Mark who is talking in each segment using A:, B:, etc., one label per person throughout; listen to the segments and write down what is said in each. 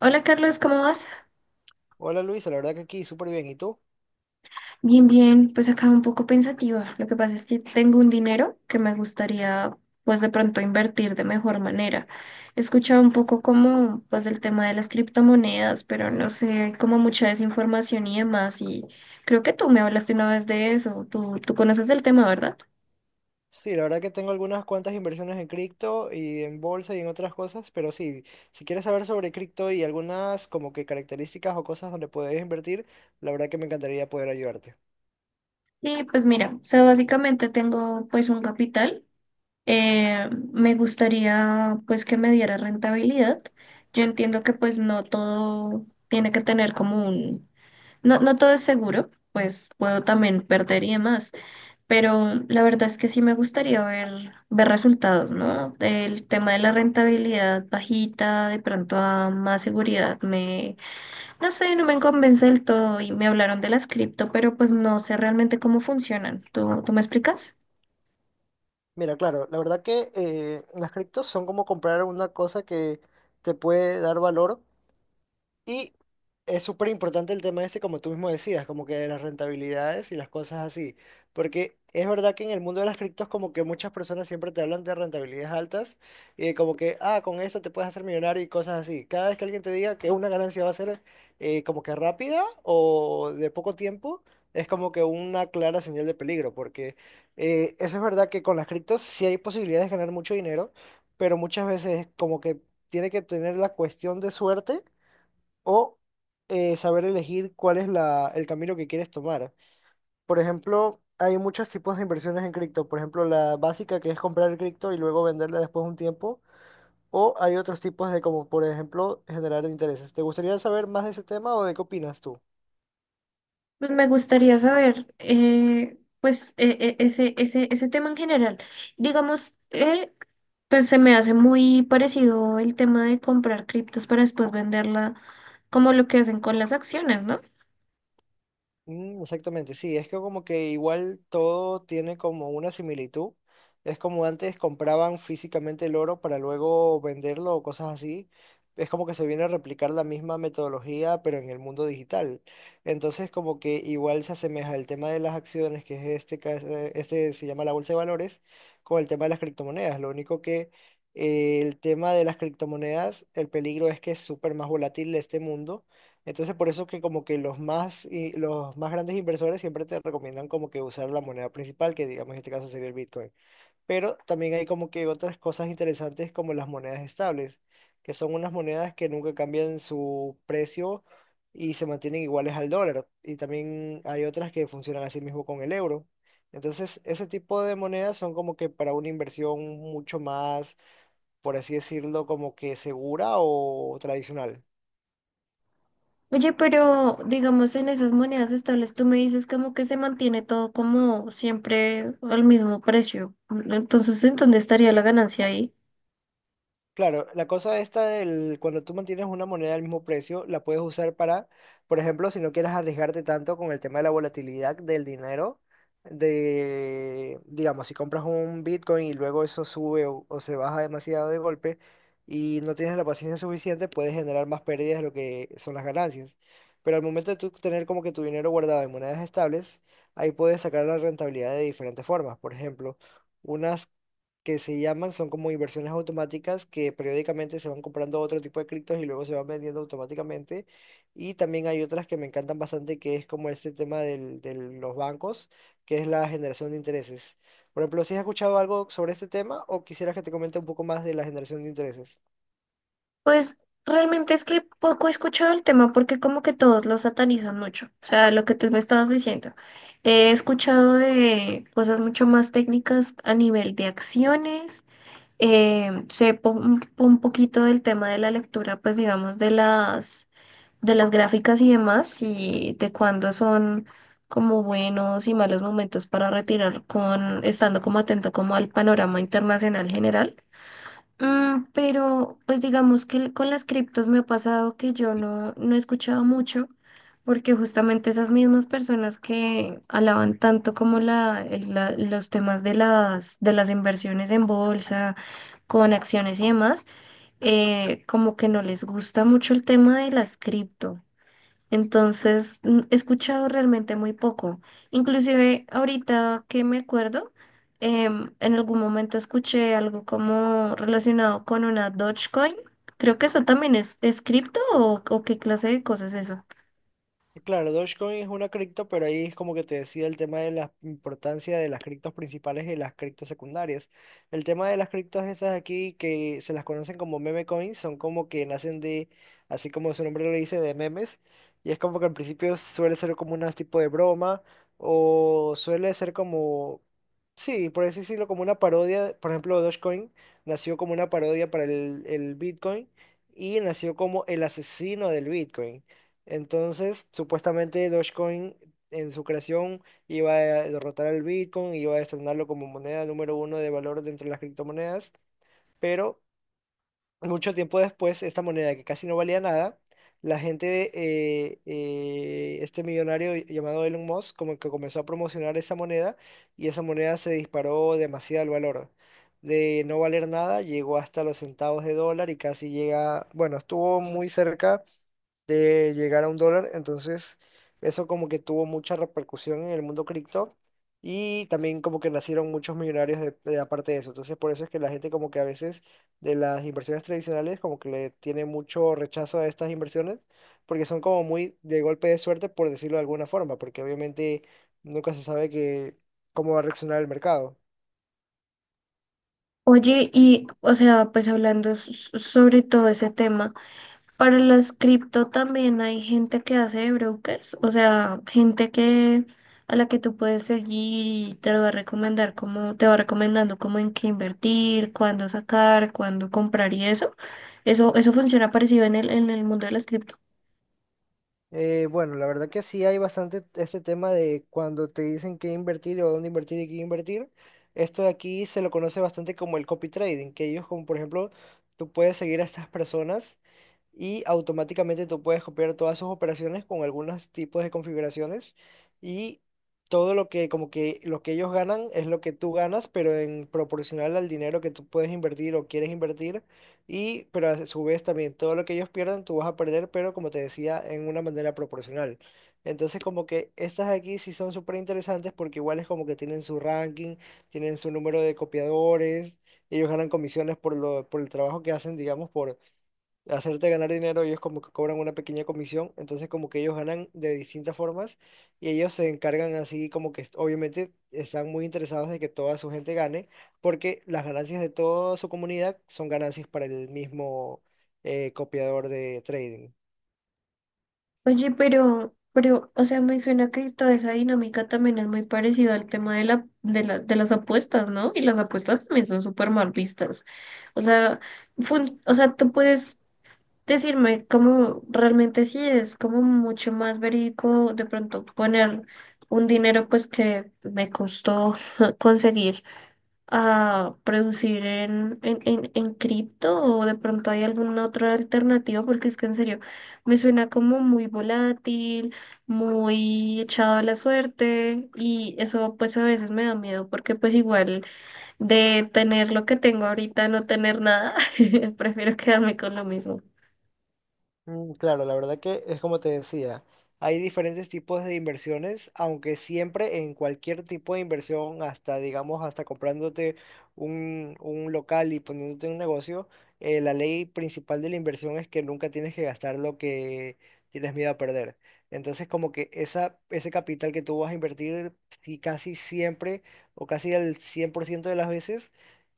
A: Hola Carlos, ¿cómo vas?
B: Hola Luis, la verdad que aquí súper bien. ¿Y tú?
A: Bien, bien, pues acá un poco pensativa. Lo que pasa es que tengo un dinero que me gustaría pues de pronto invertir de mejor manera. He escuchado un poco como pues del tema de las criptomonedas, pero no sé, hay como mucha desinformación y demás y creo que tú me hablaste una vez de eso. Tú conoces el tema, ¿verdad?
B: Sí, la verdad que tengo algunas cuantas inversiones en cripto y en bolsa y en otras cosas, pero sí, si quieres saber sobre cripto y algunas como que características o cosas donde puedes invertir, la verdad que me encantaría poder ayudarte.
A: Sí, pues mira, o sea, básicamente tengo pues un capital. Me gustaría pues que me diera rentabilidad. Yo entiendo que pues no todo tiene que tener como un, no, no todo es seguro, pues puedo también perder y demás, pero la verdad es que sí me gustaría ver, ver resultados, ¿no? El tema de la rentabilidad bajita, de pronto a más seguridad, me, no sé, no me convence del todo y me hablaron de las cripto, pero pues no sé realmente cómo funcionan. ¿Tú me explicas?
B: Mira, claro, la verdad que las criptos son como comprar una cosa que te puede dar valor. Y es súper importante el tema este, como tú mismo decías, como que de las rentabilidades y las cosas así. Porque es verdad que en el mundo de las criptos como que muchas personas siempre te hablan de rentabilidades altas y de como que, ah, con esto te puedes hacer millonario y cosas así. Cada vez que alguien te diga que una ganancia va a ser como que rápida o de poco tiempo, es como que una clara señal de peligro. Porque eso es verdad que con las criptos sí hay posibilidades de ganar mucho dinero, pero muchas veces como que tiene que tener la cuestión de suerte o saber elegir cuál es la, el camino que quieres tomar. Por ejemplo, hay muchos tipos de inversiones en cripto. Por ejemplo, la básica que es comprar el cripto y luego venderla después de un tiempo. O hay otros tipos de como, por ejemplo, generar intereses. ¿Te gustaría saber más de ese tema o de qué opinas tú?
A: Pues me gustaría saber, pues, ese tema en general. Digamos, pues se me hace muy parecido el tema de comprar criptos para después venderla, como lo que hacen con las acciones, ¿no?
B: Mm, exactamente, sí, es que como que igual todo tiene como una similitud. Es como antes compraban físicamente el oro para luego venderlo o cosas así. Es como que se viene a replicar la misma metodología, pero en el mundo digital. Entonces como que igual se asemeja el tema de las acciones, que es este, este se llama la bolsa de valores, con el tema de las criptomonedas. Lo único que el tema de las criptomonedas, el peligro es que es súper más volátil de este mundo, entonces, por eso que como que los más, los más grandes inversores siempre te recomiendan como que usar la moneda principal, que digamos en este caso sería el Bitcoin. Pero también hay como que otras cosas interesantes como las monedas estables, que son unas monedas que nunca cambian su precio y se mantienen iguales al dólar. Y también hay otras que funcionan así mismo con el euro. Entonces, ese tipo de monedas son como que para una inversión mucho más, por así decirlo, como que segura o tradicional.
A: Oye, pero digamos, en esas monedas estables, tú me dices como que se mantiene todo como siempre al mismo precio. Entonces, ¿en dónde estaría la ganancia ahí?
B: Claro, la cosa esta del cuando tú mantienes una moneda al mismo precio, la puedes usar para, por ejemplo, si no quieres arriesgarte tanto con el tema de la volatilidad del dinero, de, digamos, si compras un Bitcoin y luego eso sube o se baja demasiado de golpe y no tienes la paciencia suficiente, puedes generar más pérdidas de lo que son las ganancias. Pero al momento de tú tener como que tu dinero guardado en monedas estables, ahí puedes sacar la rentabilidad de diferentes formas. Por ejemplo, unas que se llaman, son como inversiones automáticas que periódicamente se van comprando otro tipo de criptos y luego se van vendiendo automáticamente. Y también hay otras que me encantan bastante, que es como este tema de los bancos, que es la generación de intereses. Por ejemplo, ¿si has escuchado algo sobre este tema o quisieras que te comente un poco más de la generación de intereses?
A: Pues realmente es que poco he escuchado el tema porque como que todos lo satanizan mucho. O sea, lo que tú me estabas diciendo. He escuchado de cosas mucho más técnicas a nivel de acciones. Sé un poquito del tema de la lectura, pues digamos, de las gráficas y demás, y de cuándo son como buenos y malos momentos para retirar con, estando como atento como al panorama internacional general. Mm, pero pues digamos que con las criptos me ha pasado que yo no he escuchado mucho, porque justamente esas mismas personas que alaban tanto como la, los temas de de las inversiones en bolsa, con acciones y demás, como que no les gusta mucho el tema de las cripto. Entonces, he escuchado realmente muy poco. Inclusive ahorita que me acuerdo, en algún momento escuché algo como relacionado con una Dogecoin. Creo que eso también es cripto o qué clase de cosas es eso.
B: Claro, Dogecoin es una cripto, pero ahí es como que te decía el tema de la importancia de las criptos principales y las criptos secundarias. El tema de las criptos estas aquí, que se las conocen como meme coins, son como que nacen de, así como su nombre lo dice, de memes. Y es como que al principio suele ser como un tipo de broma, o suele ser como, sí, por así decirlo, como una parodia. Por ejemplo, Dogecoin nació como una parodia para el Bitcoin y nació como el asesino del Bitcoin. Entonces, supuestamente Dogecoin en su creación iba a derrotar al Bitcoin, iba a destronarlo como moneda número uno de valor dentro de las criptomonedas, pero mucho tiempo después, esta moneda que casi no valía nada, la gente, este millonario llamado Elon Musk, como que comenzó a promocionar esa moneda y esa moneda se disparó demasiado el valor. De no valer nada, llegó hasta los centavos de dólar y casi llega, bueno, estuvo muy cerca de llegar a un dólar. Entonces, eso como que tuvo mucha repercusión en el mundo cripto y también como que nacieron muchos millonarios de aparte de eso. Entonces, por eso es que la gente como que a veces de las inversiones tradicionales como que le tiene mucho rechazo a estas inversiones porque son como muy de golpe de suerte, por decirlo de alguna forma, porque obviamente nunca se sabe que, cómo va a reaccionar el mercado.
A: Oye, y o sea, pues hablando sobre todo ese tema. Para las cripto también hay gente que hace de brokers, o sea, gente que a la que tú puedes seguir y te lo va a recomendar como, te va recomendando cómo en qué invertir, cuándo sacar, cuándo comprar y eso. Eso funciona parecido en en el mundo de las cripto.
B: Bueno, la verdad que sí hay bastante este tema de cuando te dicen qué invertir o dónde invertir y qué invertir. Esto de aquí se lo conoce bastante como el copy trading, que ellos como por ejemplo, tú puedes seguir a estas personas y automáticamente tú puedes copiar todas sus operaciones con algunos tipos de configuraciones y todo lo que como que lo que ellos ganan es lo que tú ganas, pero en proporcional al dinero que tú puedes invertir o quieres invertir. Y, pero a su vez también todo lo que ellos pierdan tú vas a perder, pero como te decía, en una manera proporcional. Entonces como que estas aquí sí son súper interesantes porque igual es como que tienen su ranking, tienen su número de copiadores, ellos ganan comisiones por lo, por el trabajo que hacen, digamos, por hacerte ganar dinero, ellos como que cobran una pequeña comisión, entonces como que ellos ganan de distintas formas y ellos se encargan así como que obviamente están muy interesados de que toda su gente gane, porque las ganancias de toda su comunidad son ganancias para el mismo copiador de trading.
A: Oye, pero, o sea, me suena que toda esa dinámica también es muy parecida al tema de de las apuestas, ¿no? Y las apuestas también son súper mal vistas. O sea, o sea, tú puedes decirme cómo realmente sí es como mucho más verídico de pronto poner un dinero pues que me costó conseguir a producir en cripto o de pronto hay alguna otra alternativa porque es que en serio me suena como muy volátil, muy echado a la suerte y eso pues a veces me da miedo porque pues igual de tener lo que tengo ahorita a no tener nada, prefiero quedarme con lo mismo.
B: Mm, claro, la verdad que es como te decía, hay diferentes tipos de inversiones, aunque siempre en cualquier tipo de inversión, hasta digamos, hasta comprándote un local y poniéndote un negocio, la ley principal de la inversión es que nunca tienes que gastar lo que tienes miedo a perder. Entonces, como que esa, ese capital que tú vas a invertir, y casi siempre, o casi el ciento de las veces,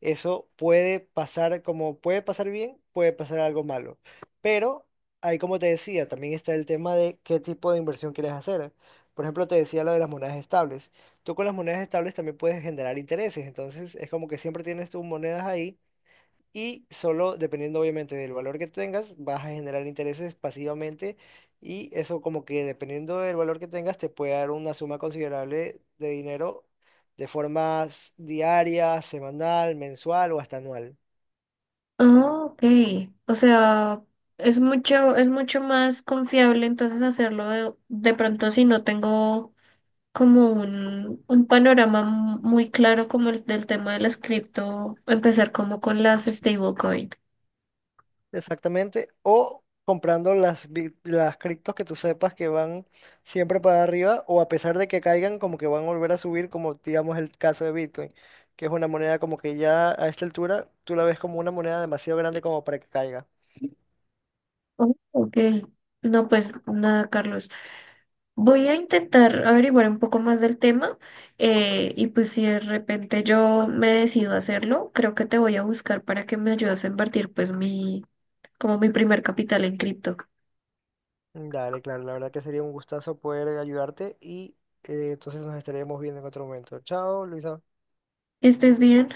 B: eso puede pasar como puede pasar bien, puede pasar algo malo. Pero ahí, como te decía, también está el tema de qué tipo de inversión quieres hacer. Por ejemplo, te decía lo de las monedas estables. Tú con las monedas estables también puedes generar intereses. Entonces, es como que siempre tienes tus monedas ahí y solo dependiendo, obviamente, del valor que tengas, vas a generar intereses pasivamente. Y eso, como que dependiendo del valor que tengas, te puede dar una suma considerable de dinero de formas diaria, semanal, mensual o hasta anual.
A: Ah, ok. O sea, es mucho más confiable entonces hacerlo de pronto si no tengo como un panorama muy claro como el del tema de las cripto, empezar como con las stablecoin.
B: Exactamente. O comprando las, las criptos que tú sepas que van siempre para arriba o a pesar de que caigan, como que van a volver a subir, como digamos el caso de Bitcoin, que es una moneda como que ya a esta altura tú la ves como una moneda demasiado grande como para que caiga.
A: Oh, ok. No, pues nada, Carlos. Voy a intentar averiguar un poco más del tema y pues si de repente yo me decido a hacerlo, creo que te voy a buscar para que me ayudes a invertir pues mi, como mi primer capital en cripto.
B: Dale, claro, la verdad que sería un gustazo poder ayudarte y entonces nos estaremos viendo en otro momento. Chao, Luisa.
A: ¿Estés bien?